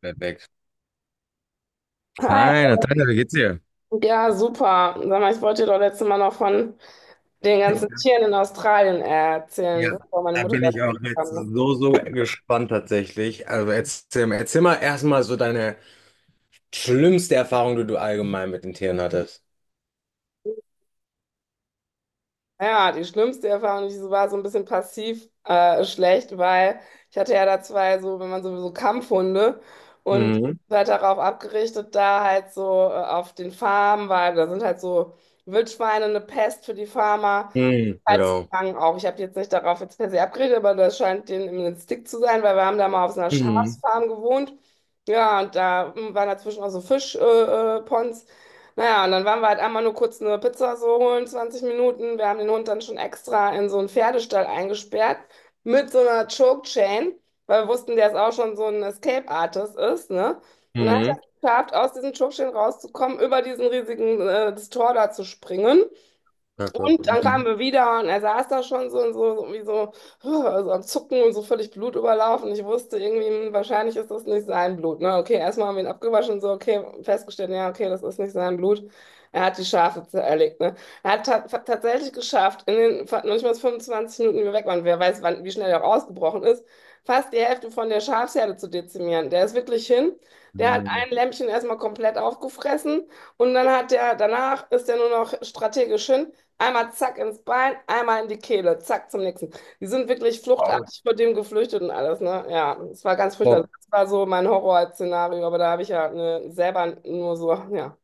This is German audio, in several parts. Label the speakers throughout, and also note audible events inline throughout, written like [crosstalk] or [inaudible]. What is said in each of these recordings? Speaker 1: Perfekt.
Speaker 2: Hi.
Speaker 1: Hi, Natalia, wie geht's dir?
Speaker 2: Ja, super. Sag mal, ich wollte dir doch letztes Mal noch von den ganzen Tieren in Australien
Speaker 1: Ja,
Speaker 2: erzählen, bevor meine
Speaker 1: da
Speaker 2: Mutter
Speaker 1: bin ich
Speaker 2: dazu
Speaker 1: auch jetzt
Speaker 2: kam, ne?
Speaker 1: so, so gespannt tatsächlich. Also erzähl mal erstmal so deine schlimmste Erfahrung, die du allgemein mit den Tieren hattest.
Speaker 2: Ja, die schlimmste Erfahrung, die so war so ein bisschen passiv schlecht, weil ich hatte ja da zwei so, wenn man sowieso Kampfhunde und die
Speaker 1: Mhm.
Speaker 2: sind halt darauf abgerichtet, da halt so auf den Farmen, weil da sind halt so Wildschweine eine Pest für die Farmer.
Speaker 1: Mhm. Ja.
Speaker 2: Salzstangen auch. Ich habe jetzt nicht darauf jetzt per se abgeredet, aber das scheint denen im Stick zu sein, weil wir haben da mal auf so einer
Speaker 1: Mhm.
Speaker 2: Schafsfarm gewohnt. Ja, und da waren dazwischen auch so Fischpons. Ponds. Naja, und dann waren wir halt einmal nur kurz eine Pizza so holen, 20 Minuten. Wir haben den Hund dann schon extra in so einen Pferdestall eingesperrt mit so einer Choke Chain, weil wir wussten, der ist auch schon so ein Escape Artist ist, ne? Und dann hat er
Speaker 1: Mhm.
Speaker 2: es geschafft, aus diesem Choke Chain rauszukommen, über diesen riesigen das Tor da zu springen.
Speaker 1: Kacke.
Speaker 2: Und dann kamen
Speaker 1: Mhm.
Speaker 2: wir wieder und er saß da schon so und so, so irgendwie so, [laughs] huh, also am Zucken und so völlig blutüberlaufen. Ich wusste irgendwie, hm, wahrscheinlich ist das nicht sein Blut. Ne? Okay, erstmal haben wir ihn abgewaschen und so, okay, festgestellt, ja, okay, das ist nicht sein Blut. Er hat die Schafe zerlegt. Ne? Er hat ta tatsächlich geschafft, in den noch nicht mal 25 Minuten, die wir weg waren, wer weiß, wann, wie schnell er auch ausgebrochen ist, fast die Hälfte von der Schafsherde zu dezimieren. Der ist wirklich hin. Der hat
Speaker 1: Mhm.
Speaker 2: ein Lämpchen erstmal komplett aufgefressen. Und dann hat der, danach ist er nur noch strategisch hin. Einmal zack ins Bein, einmal in die Kehle, zack zum nächsten. Die sind wirklich
Speaker 1: Oh,
Speaker 2: fluchtartig vor dem geflüchtet und alles, ne? Ja, es war ganz furchtbar. Das war so mein Horrorszenario, aber da habe ich ja, ne, selber nur so, ja,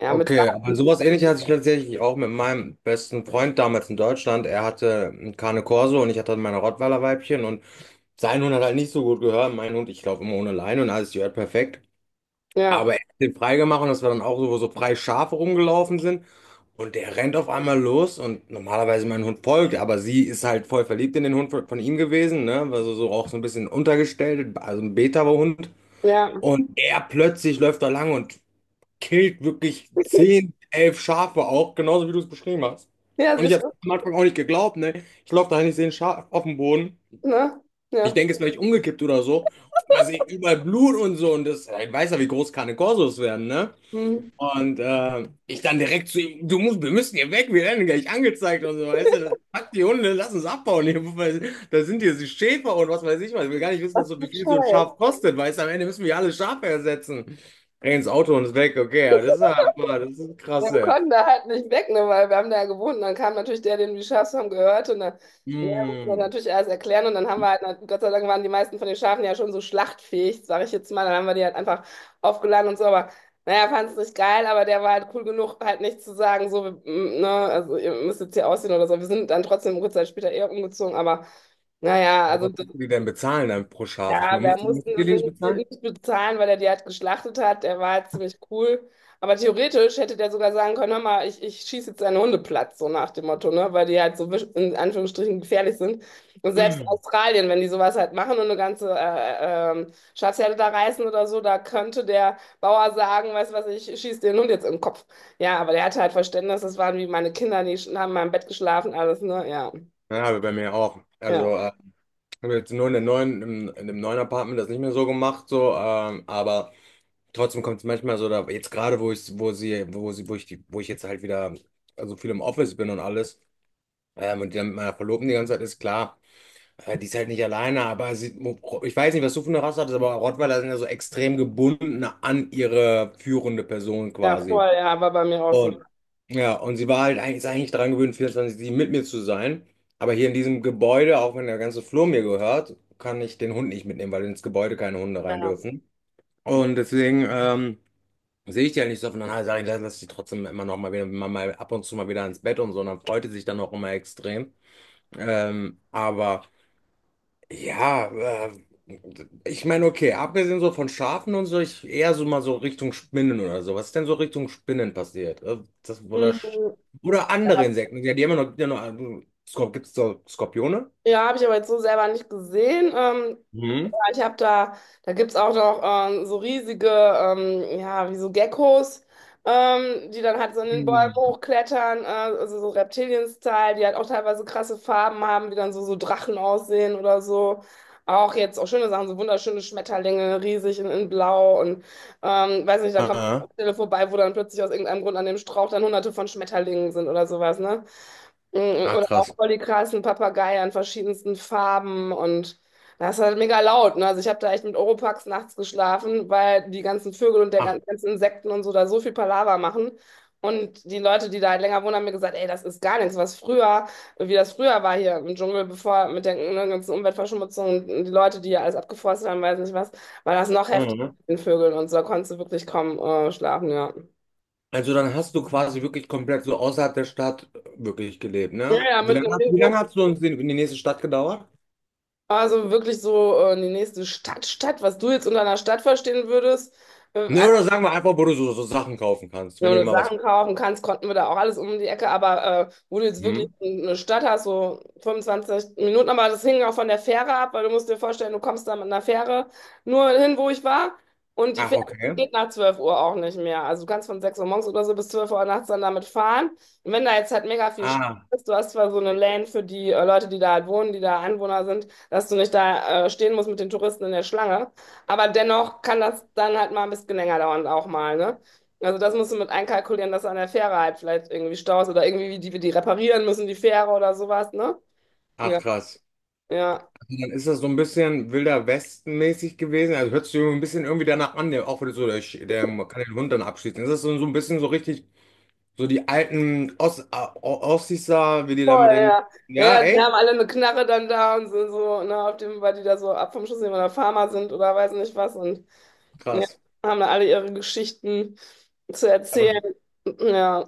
Speaker 2: ja, mit,
Speaker 1: okay, aber
Speaker 2: Garten-
Speaker 1: sowas ähnliches hatte ich tatsächlich auch mit meinem besten Freund damals in Deutschland. Er hatte einen Cane Corso und ich hatte meine Rottweiler-Weibchen und sein Hund hat halt nicht so gut gehört. Mein Hund, ich laufe immer ohne Leine und alles gehört perfekt.
Speaker 2: ja,
Speaker 1: Aber er hat den freigemacht und dass wir dann auch so, wo so freie Schafe rumgelaufen sind. Und der rennt auf einmal los und normalerweise mein Hund folgt, aber sie ist halt voll verliebt in den Hund von ihm gewesen, ne? Also so auch so ein bisschen untergestellt, also ein Beta-Hund.
Speaker 2: ja,
Speaker 1: Und er plötzlich läuft da lang und killt wirklich 10 11 Schafe auch, genauso wie du es beschrieben hast.
Speaker 2: ja,
Speaker 1: Und ich
Speaker 2: siehst
Speaker 1: habe
Speaker 2: du,
Speaker 1: am Anfang auch nicht geglaubt, ne? Ich laufe da hin, ich sehe ein Schaf auf dem Boden.
Speaker 2: ne?
Speaker 1: Ich
Speaker 2: Ja.
Speaker 1: denke, es ist vielleicht umgekippt oder so. Man sieht überall Blut und so und das, ja, ich weiß ja, wie groß keine Korsos werden, ne?
Speaker 2: Hm.
Speaker 1: Und ich dann direkt zu ihm, du musst, wir müssen hier weg, wir werden gleich angezeigt und so, weißt du, das packt die Hunde, lass uns abbauen hier, weil da sind hier die Schäfer und was weiß ich was, ich will gar nicht wissen, was so, wie viel so ein
Speaker 2: Scheiße.
Speaker 1: Schaf kostet, weißt du, am Ende müssen wir alle Schafe ersetzen. Renn ins Auto und ist weg, okay, ja, das ist ja, aber, das ist krass,
Speaker 2: Ja, wir
Speaker 1: ja.
Speaker 2: konnten da halt nicht weg, ne, weil wir haben da ja gewohnt. Und dann kam natürlich der, den wir Schafe haben, gehört. Und dann, ne, musste man
Speaker 1: Hm.
Speaker 2: natürlich alles erklären. Und dann haben wir halt, Gott sei Dank waren die meisten von den Schafen ja schon so schlachtfähig, sage ich jetzt mal. Dann haben wir die halt einfach aufgeladen und so. Aber naja, fand es nicht geil, aber der war halt cool genug, halt nicht zu sagen, so, wir, mm, ne, also ihr müsst jetzt hier ausziehen oder so. Wir sind dann trotzdem kurze Zeit später eher umgezogen, aber. Naja,
Speaker 1: Aber
Speaker 2: also
Speaker 1: was musst du die denn bezahlen dann pro Schaf? Ich
Speaker 2: ja,
Speaker 1: meine,
Speaker 2: wir
Speaker 1: musst
Speaker 2: mussten
Speaker 1: du die nicht bezahlen?
Speaker 2: nicht bezahlen, weil er die halt geschlachtet hat. Der war halt ziemlich cool. Aber theoretisch hätte der sogar sagen können, hör mal, ich schieße jetzt einen Hundeplatz so nach dem Motto, ne? Weil die halt so in Anführungsstrichen gefährlich sind. Und selbst in
Speaker 1: [clears throat]
Speaker 2: Australien, wenn die sowas halt machen und eine ganze Schafsherde da reißen oder so, da könnte der Bauer sagen, weißt du was, ich schieße den Hund jetzt im Kopf. Ja, aber der hatte halt Verständnis, das waren wie meine Kinder, die haben in meinem Bett geschlafen, alles, ne? Ja,
Speaker 1: Ja, aber bei mir auch.
Speaker 2: ja.
Speaker 1: Also, haben jetzt nur in der neuen, in dem neuen Apartment das nicht mehr so gemacht, so, aber. Trotzdem kommt es manchmal so, da, jetzt gerade, wo ich, wo sie, wo ich die, wo ich jetzt halt wieder so viel im Office bin und alles, und die dann mit meiner Verlobten die ganze Zeit ist, klar, die ist halt nicht alleine, aber sie, ich weiß nicht, was du für eine Rasse hattest, aber Rottweiler sind ja so extrem gebunden an ihre führende Person
Speaker 2: Ja,
Speaker 1: quasi.
Speaker 2: voll, ja, war bei mir auch so.
Speaker 1: Und ja, und sie war halt eigentlich, ist eigentlich daran gewöhnt, vierundzwanzig 7 mit mir zu sein. Aber hier in diesem Gebäude, auch wenn der ganze Flur mir gehört, kann ich den Hund nicht mitnehmen, weil ins Gebäude keine Hunde rein
Speaker 2: Ja.
Speaker 1: dürfen. Und deswegen, sehe ich die halt nicht so oft. Und dann sage ich, lass die trotzdem immer noch mal wieder, mal ab und zu mal wieder ins Bett und so. Und dann freut die sich dann auch immer extrem. Aber ja, äh, ich meine, okay, abgesehen so von Schafen und so, ich eher so mal so Richtung Spinnen oder so. Was ist denn so Richtung Spinnen passiert? Das, oder,
Speaker 2: Mhm.
Speaker 1: oder andere Insekten. Ja, die haben ja noch, die haben noch Skor, gibt's so Skorpione?
Speaker 2: Ja, habe ich aber jetzt so selber nicht gesehen.
Speaker 1: Mhm.
Speaker 2: Ja, ich habe da, da gibt's auch noch so riesige, ja, wie so Geckos, die dann halt so in den Bäumen
Speaker 1: Hm.
Speaker 2: hochklettern, also so Reptilien-Style, die halt auch teilweise krasse Farben haben, die dann so, so Drachen aussehen oder so. Auch jetzt auch schöne Sachen, so wunderschöne Schmetterlinge, riesig in Blau und weiß nicht, da
Speaker 1: Ah,
Speaker 2: kommt eine
Speaker 1: ah.
Speaker 2: Stelle vorbei, wo dann plötzlich aus irgendeinem Grund an dem Strauch dann hunderte von Schmetterlingen sind oder sowas, ne? Mm,
Speaker 1: Ach,
Speaker 2: oder auch
Speaker 1: krass.
Speaker 2: voll die krassen Papageien an verschiedensten Farben und das ist halt mega laut. Ne? Also ich habe da echt mit Oropax nachts geschlafen, weil die ganzen Vögel und der
Speaker 1: Ach.
Speaker 2: ganzen Insekten und so da so viel Palaver machen. Und die Leute, die da halt länger wohnen, haben mir gesagt, ey, das ist gar nichts, was früher, wie das früher war hier im Dschungel, bevor mit der, ne, ganzen Umweltverschmutzung und die Leute, die hier alles abgeforstet haben, weiß nicht was, war das noch heftiger
Speaker 1: Mhm.
Speaker 2: mit den Vögeln und so, da konntest du wirklich kaum schlafen, ja.
Speaker 1: Also dann hast du quasi wirklich komplett so außerhalb der Stadt wirklich gelebt,
Speaker 2: Ja,
Speaker 1: ne?
Speaker 2: ja, mit einem.
Speaker 1: Wie lange hast du uns in die nächste Stadt gedauert?
Speaker 2: Also wirklich so die nächste Stadt, was du jetzt unter einer Stadt verstehen würdest. Äh,
Speaker 1: Ne, oder sagen wir einfach, wo du so, so Sachen kaufen kannst, wenn
Speaker 2: wenn
Speaker 1: ihr
Speaker 2: du
Speaker 1: mal was.
Speaker 2: Sachen kaufen kannst, konnten wir da auch alles um die Ecke. Aber wo du jetzt wirklich
Speaker 1: Hm?
Speaker 2: eine Stadt hast, so 25 Minuten, aber das hing auch von der Fähre ab, weil du musst dir vorstellen, du kommst da mit einer Fähre nur hin, wo ich war. Und die
Speaker 1: Ach,
Speaker 2: Fähre, die
Speaker 1: okay.
Speaker 2: geht nach 12 Uhr auch nicht mehr. Also du kannst von 6 Uhr morgens oder so bis 12 Uhr nachts dann damit fahren. Und wenn da jetzt halt mega viel Stadt
Speaker 1: Ah,
Speaker 2: ist, du hast zwar so eine Lane für die Leute, die da halt wohnen, die da Anwohner sind, dass du nicht da stehen musst mit den Touristen in der Schlange. Aber dennoch kann das dann halt mal ein bisschen länger dauern auch mal, ne? Also das musst du mit einkalkulieren, dass an der Fähre halt vielleicht irgendwie Staus oder irgendwie wie die wir die reparieren müssen, die Fähre oder sowas, ne?
Speaker 1: ach
Speaker 2: Ja,
Speaker 1: krass.
Speaker 2: ja.
Speaker 1: Also dann ist das so ein bisschen Wilder Westen-mäßig gewesen. Also hört sich so ein bisschen irgendwie danach an, der, auch wenn du so, der kann den Hund dann abschießen. Ist das so, so ein bisschen so richtig, so die alten Ossis da, wie die da
Speaker 2: Voll,
Speaker 1: mit den.
Speaker 2: ja. Ja,
Speaker 1: Ja,
Speaker 2: ja, die
Speaker 1: echt?
Speaker 2: haben alle eine Knarre dann da und sind so, ne, auf dem, weil die da so ab vom Schuss nehmen oder Farmer sind oder weiß nicht was und ja,
Speaker 1: Krass.
Speaker 2: haben da alle ihre Geschichten zu
Speaker 1: Aber
Speaker 2: erzählen. Ja,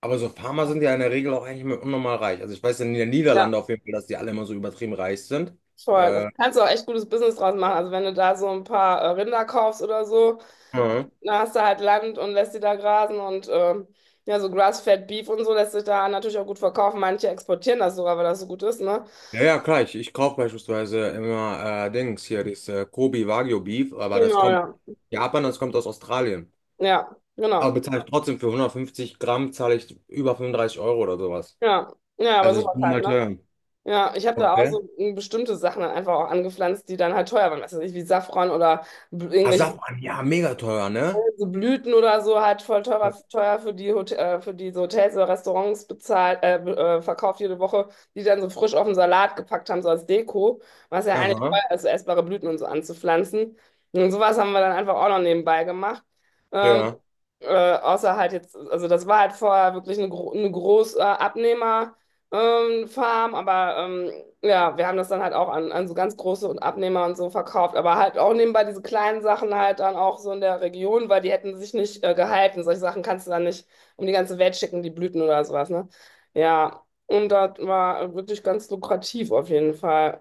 Speaker 1: Aber so Farmer sind ja in der Regel auch eigentlich immer unnormal reich. Also ich weiß in den
Speaker 2: ja,
Speaker 1: Niederlanden auf jeden Fall, dass die alle immer so übertrieben reich sind.
Speaker 2: voll. Da
Speaker 1: Äh,
Speaker 2: kannst du auch echt gutes Business draus machen. Also wenn du da so ein paar Rinder kaufst oder so,
Speaker 1: ja,
Speaker 2: da hast du halt Land und lässt sie da grasen und ja, so Grass-Fed Beef und so lässt sich da natürlich auch gut verkaufen. Manche exportieren das sogar, weil das so gut ist, ne?
Speaker 1: ja, ja, klar, ich kaufe beispielsweise immer Dings hier, dieses Kobe Wagyu Beef, aber das
Speaker 2: Genau,
Speaker 1: kommt aus
Speaker 2: ja.
Speaker 1: Japan, das kommt aus Australien.
Speaker 2: Ja,
Speaker 1: Aber
Speaker 2: genau.
Speaker 1: bezahle ich trotzdem für 150 Gramm, zahle ich über 35 € oder sowas.
Speaker 2: Ja, ja, aber
Speaker 1: Also ist
Speaker 2: sowas
Speaker 1: nur
Speaker 2: halt,
Speaker 1: mal
Speaker 2: ne?
Speaker 1: teuer.
Speaker 2: Ja, ich habe da auch
Speaker 1: Okay.
Speaker 2: so hm, bestimmte Sachen dann einfach auch angepflanzt, die dann halt teuer waren. Was weiß ich, wie Safran oder
Speaker 1: Ah
Speaker 2: irgendwelche
Speaker 1: Asafran, ja, mega teuer, ne?
Speaker 2: so Blüten oder so halt voll teurer, teuer für die, Hot für diese Hotels oder Restaurants bezahlt, verkauft jede Woche, die dann so frisch auf den Salat gepackt haben, so als Deko, was ja eigentlich
Speaker 1: Aha,
Speaker 2: teuer ist, so essbare Blüten und so anzupflanzen. Und sowas haben wir dann einfach auch noch nebenbei gemacht. Ähm,
Speaker 1: ja.
Speaker 2: äh, außer halt jetzt, also das war halt vorher wirklich eine, gro eine große Abnehmerfarm, Farm, aber ja, wir haben das dann halt auch an, an so ganz große und Abnehmer und so verkauft, aber halt auch nebenbei diese kleinen Sachen halt dann auch so in der Region, weil die hätten sich nicht gehalten. Solche Sachen kannst du dann nicht um die ganze Welt schicken, die Blüten oder sowas, ne? Ja, und das war wirklich ganz lukrativ auf jeden Fall.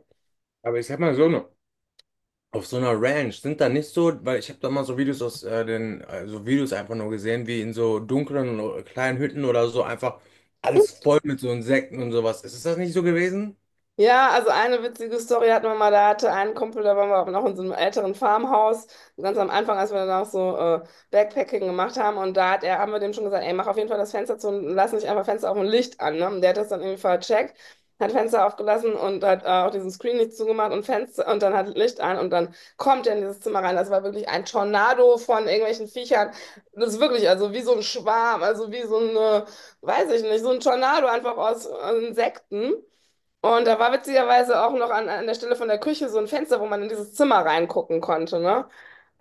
Speaker 1: Aber ich sag mal so, auf so einer Ranch sind da nicht so, weil ich habe da mal so Videos aus so Videos einfach nur gesehen, wie in so dunklen kleinen Hütten oder so einfach alles voll mit so Insekten und sowas. Ist das nicht so gewesen?
Speaker 2: Ja, also eine witzige Story hatten wir mal, da hatte ein Kumpel, da waren wir aber noch in so einem älteren Farmhaus, so ganz am Anfang, als wir dann auch so Backpacking gemacht haben und da hat er, haben wir dem schon gesagt, ey, mach auf jeden Fall das Fenster zu und lass nicht einfach Fenster auf und Licht an, ne? Und der hat das dann irgendwie vercheckt, hat Fenster aufgelassen und hat auch diesen Screen nicht zugemacht und Fenster und dann hat Licht an und dann kommt er in dieses Zimmer rein. Das war wirklich ein Tornado von irgendwelchen Viechern. Das ist wirklich, also wie so ein Schwarm, also wie so eine, weiß ich nicht, so ein Tornado einfach aus Insekten. Und da war witzigerweise auch noch an, an der Stelle von der Küche so ein Fenster, wo man in dieses Zimmer reingucken konnte, ne?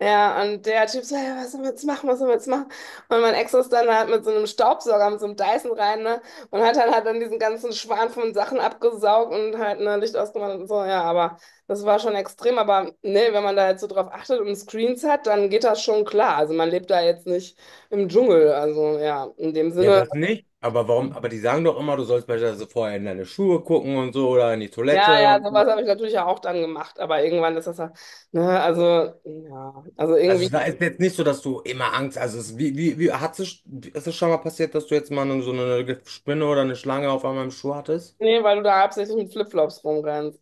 Speaker 2: Ja, und der Typ so, ja, was sollen wir jetzt machen, was sollen wir jetzt machen? Und mein Ex ist dann halt mit so einem Staubsauger, mit so einem Dyson rein, ne? Und hat dann halt dann diesen ganzen Schwarm von Sachen abgesaugt und halt, ne, Licht ausgemacht und so, ja, aber das war schon extrem, aber ne, wenn man da jetzt so drauf achtet und Screens hat, dann geht das schon klar. Also man lebt da jetzt nicht im Dschungel, also ja, in dem
Speaker 1: Ja,
Speaker 2: Sinne.
Speaker 1: das nicht. Aber warum? Aber die sagen doch immer, du sollst beispielsweise vorher in deine Schuhe gucken und so oder in die
Speaker 2: Ja,
Speaker 1: Toilette
Speaker 2: ja,
Speaker 1: und so.
Speaker 2: sowas habe ich natürlich ja auch dann gemacht, aber irgendwann ist das ja, ne, also, ja, also
Speaker 1: Also
Speaker 2: irgendwie,
Speaker 1: da ist jetzt nicht so, dass du immer Angst. Also es, wie hat es, ist es schon mal passiert, dass du jetzt mal so eine Spinne oder eine Schlange auf einmal im Schuh hattest?
Speaker 2: nee, weil du da hauptsächlich mit Flipflops rumrennst.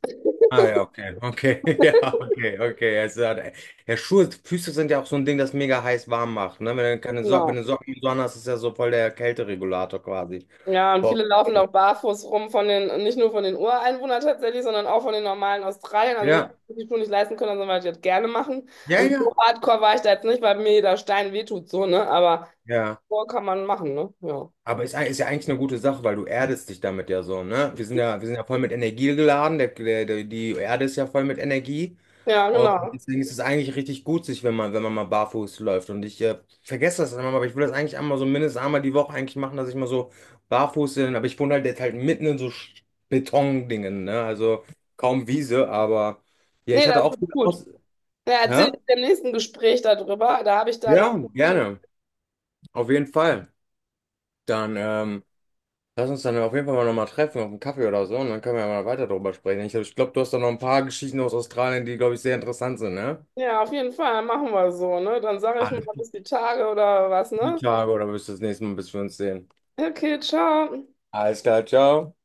Speaker 1: Ah ja, okay, okay, [laughs] ja, okay, okay. Also, ja, Schuhe, Füße sind ja auch so ein Ding, das mega heiß warm macht, ne? Wenn du keine Socken, wenn
Speaker 2: Genau.
Speaker 1: du Socken und so an hast, ist ja so voll der Kälteregulator quasi.
Speaker 2: Ja, und viele
Speaker 1: Boah.
Speaker 2: laufen auch barfuß rum von den, nicht nur von den Ureinwohnern tatsächlich, sondern auch von den normalen Australiern, also nicht,
Speaker 1: Ja,
Speaker 2: die die Schuhe nicht leisten können, sondern weil die das gerne machen.
Speaker 1: ja,
Speaker 2: Also so
Speaker 1: ja,
Speaker 2: hardcore war ich da jetzt nicht, weil mir jeder Stein wehtut, so, ne, aber
Speaker 1: ja.
Speaker 2: so kann man machen, ne, ja.
Speaker 1: Aber ist, ist ja eigentlich eine gute Sache, weil du erdest dich damit ja so, ne? Wir sind ja voll mit Energie geladen, die Erde ist ja voll mit Energie.
Speaker 2: Ja,
Speaker 1: Und
Speaker 2: genau.
Speaker 1: deswegen ist es eigentlich richtig gut, sich, wenn man mal barfuß läuft. Und ich vergesse das immer, aber ich will das eigentlich einmal so mindestens einmal die Woche eigentlich machen, dass ich mal so barfuß bin. Aber ich wohne halt jetzt halt mitten in so Betondingen, ne? Also kaum Wiese, aber ja,
Speaker 2: Nee,
Speaker 1: ich hatte
Speaker 2: das
Speaker 1: auch
Speaker 2: tut
Speaker 1: viel
Speaker 2: gut.
Speaker 1: aus.
Speaker 2: Ja, erzähl
Speaker 1: Hä?
Speaker 2: ich dir im nächsten Gespräch darüber, da habe ich da eine.
Speaker 1: Ja, gerne. Auf jeden Fall. Dann, lass uns dann auf jeden Fall mal nochmal treffen auf einen Kaffee oder so und dann können wir ja mal weiter darüber sprechen. Ich glaube, du hast da noch ein paar Geschichten aus Australien, die, glaube ich, sehr interessant sind, ne?
Speaker 2: Ja, auf jeden Fall, machen wir so, ne? Dann sage ich
Speaker 1: Alles,
Speaker 2: mal bis die Tage oder was,
Speaker 1: die
Speaker 2: ne?
Speaker 1: Tage oder wirst du das nächste Mal, bis wir uns sehen.
Speaker 2: Okay, ciao.
Speaker 1: Alles klar, ciao.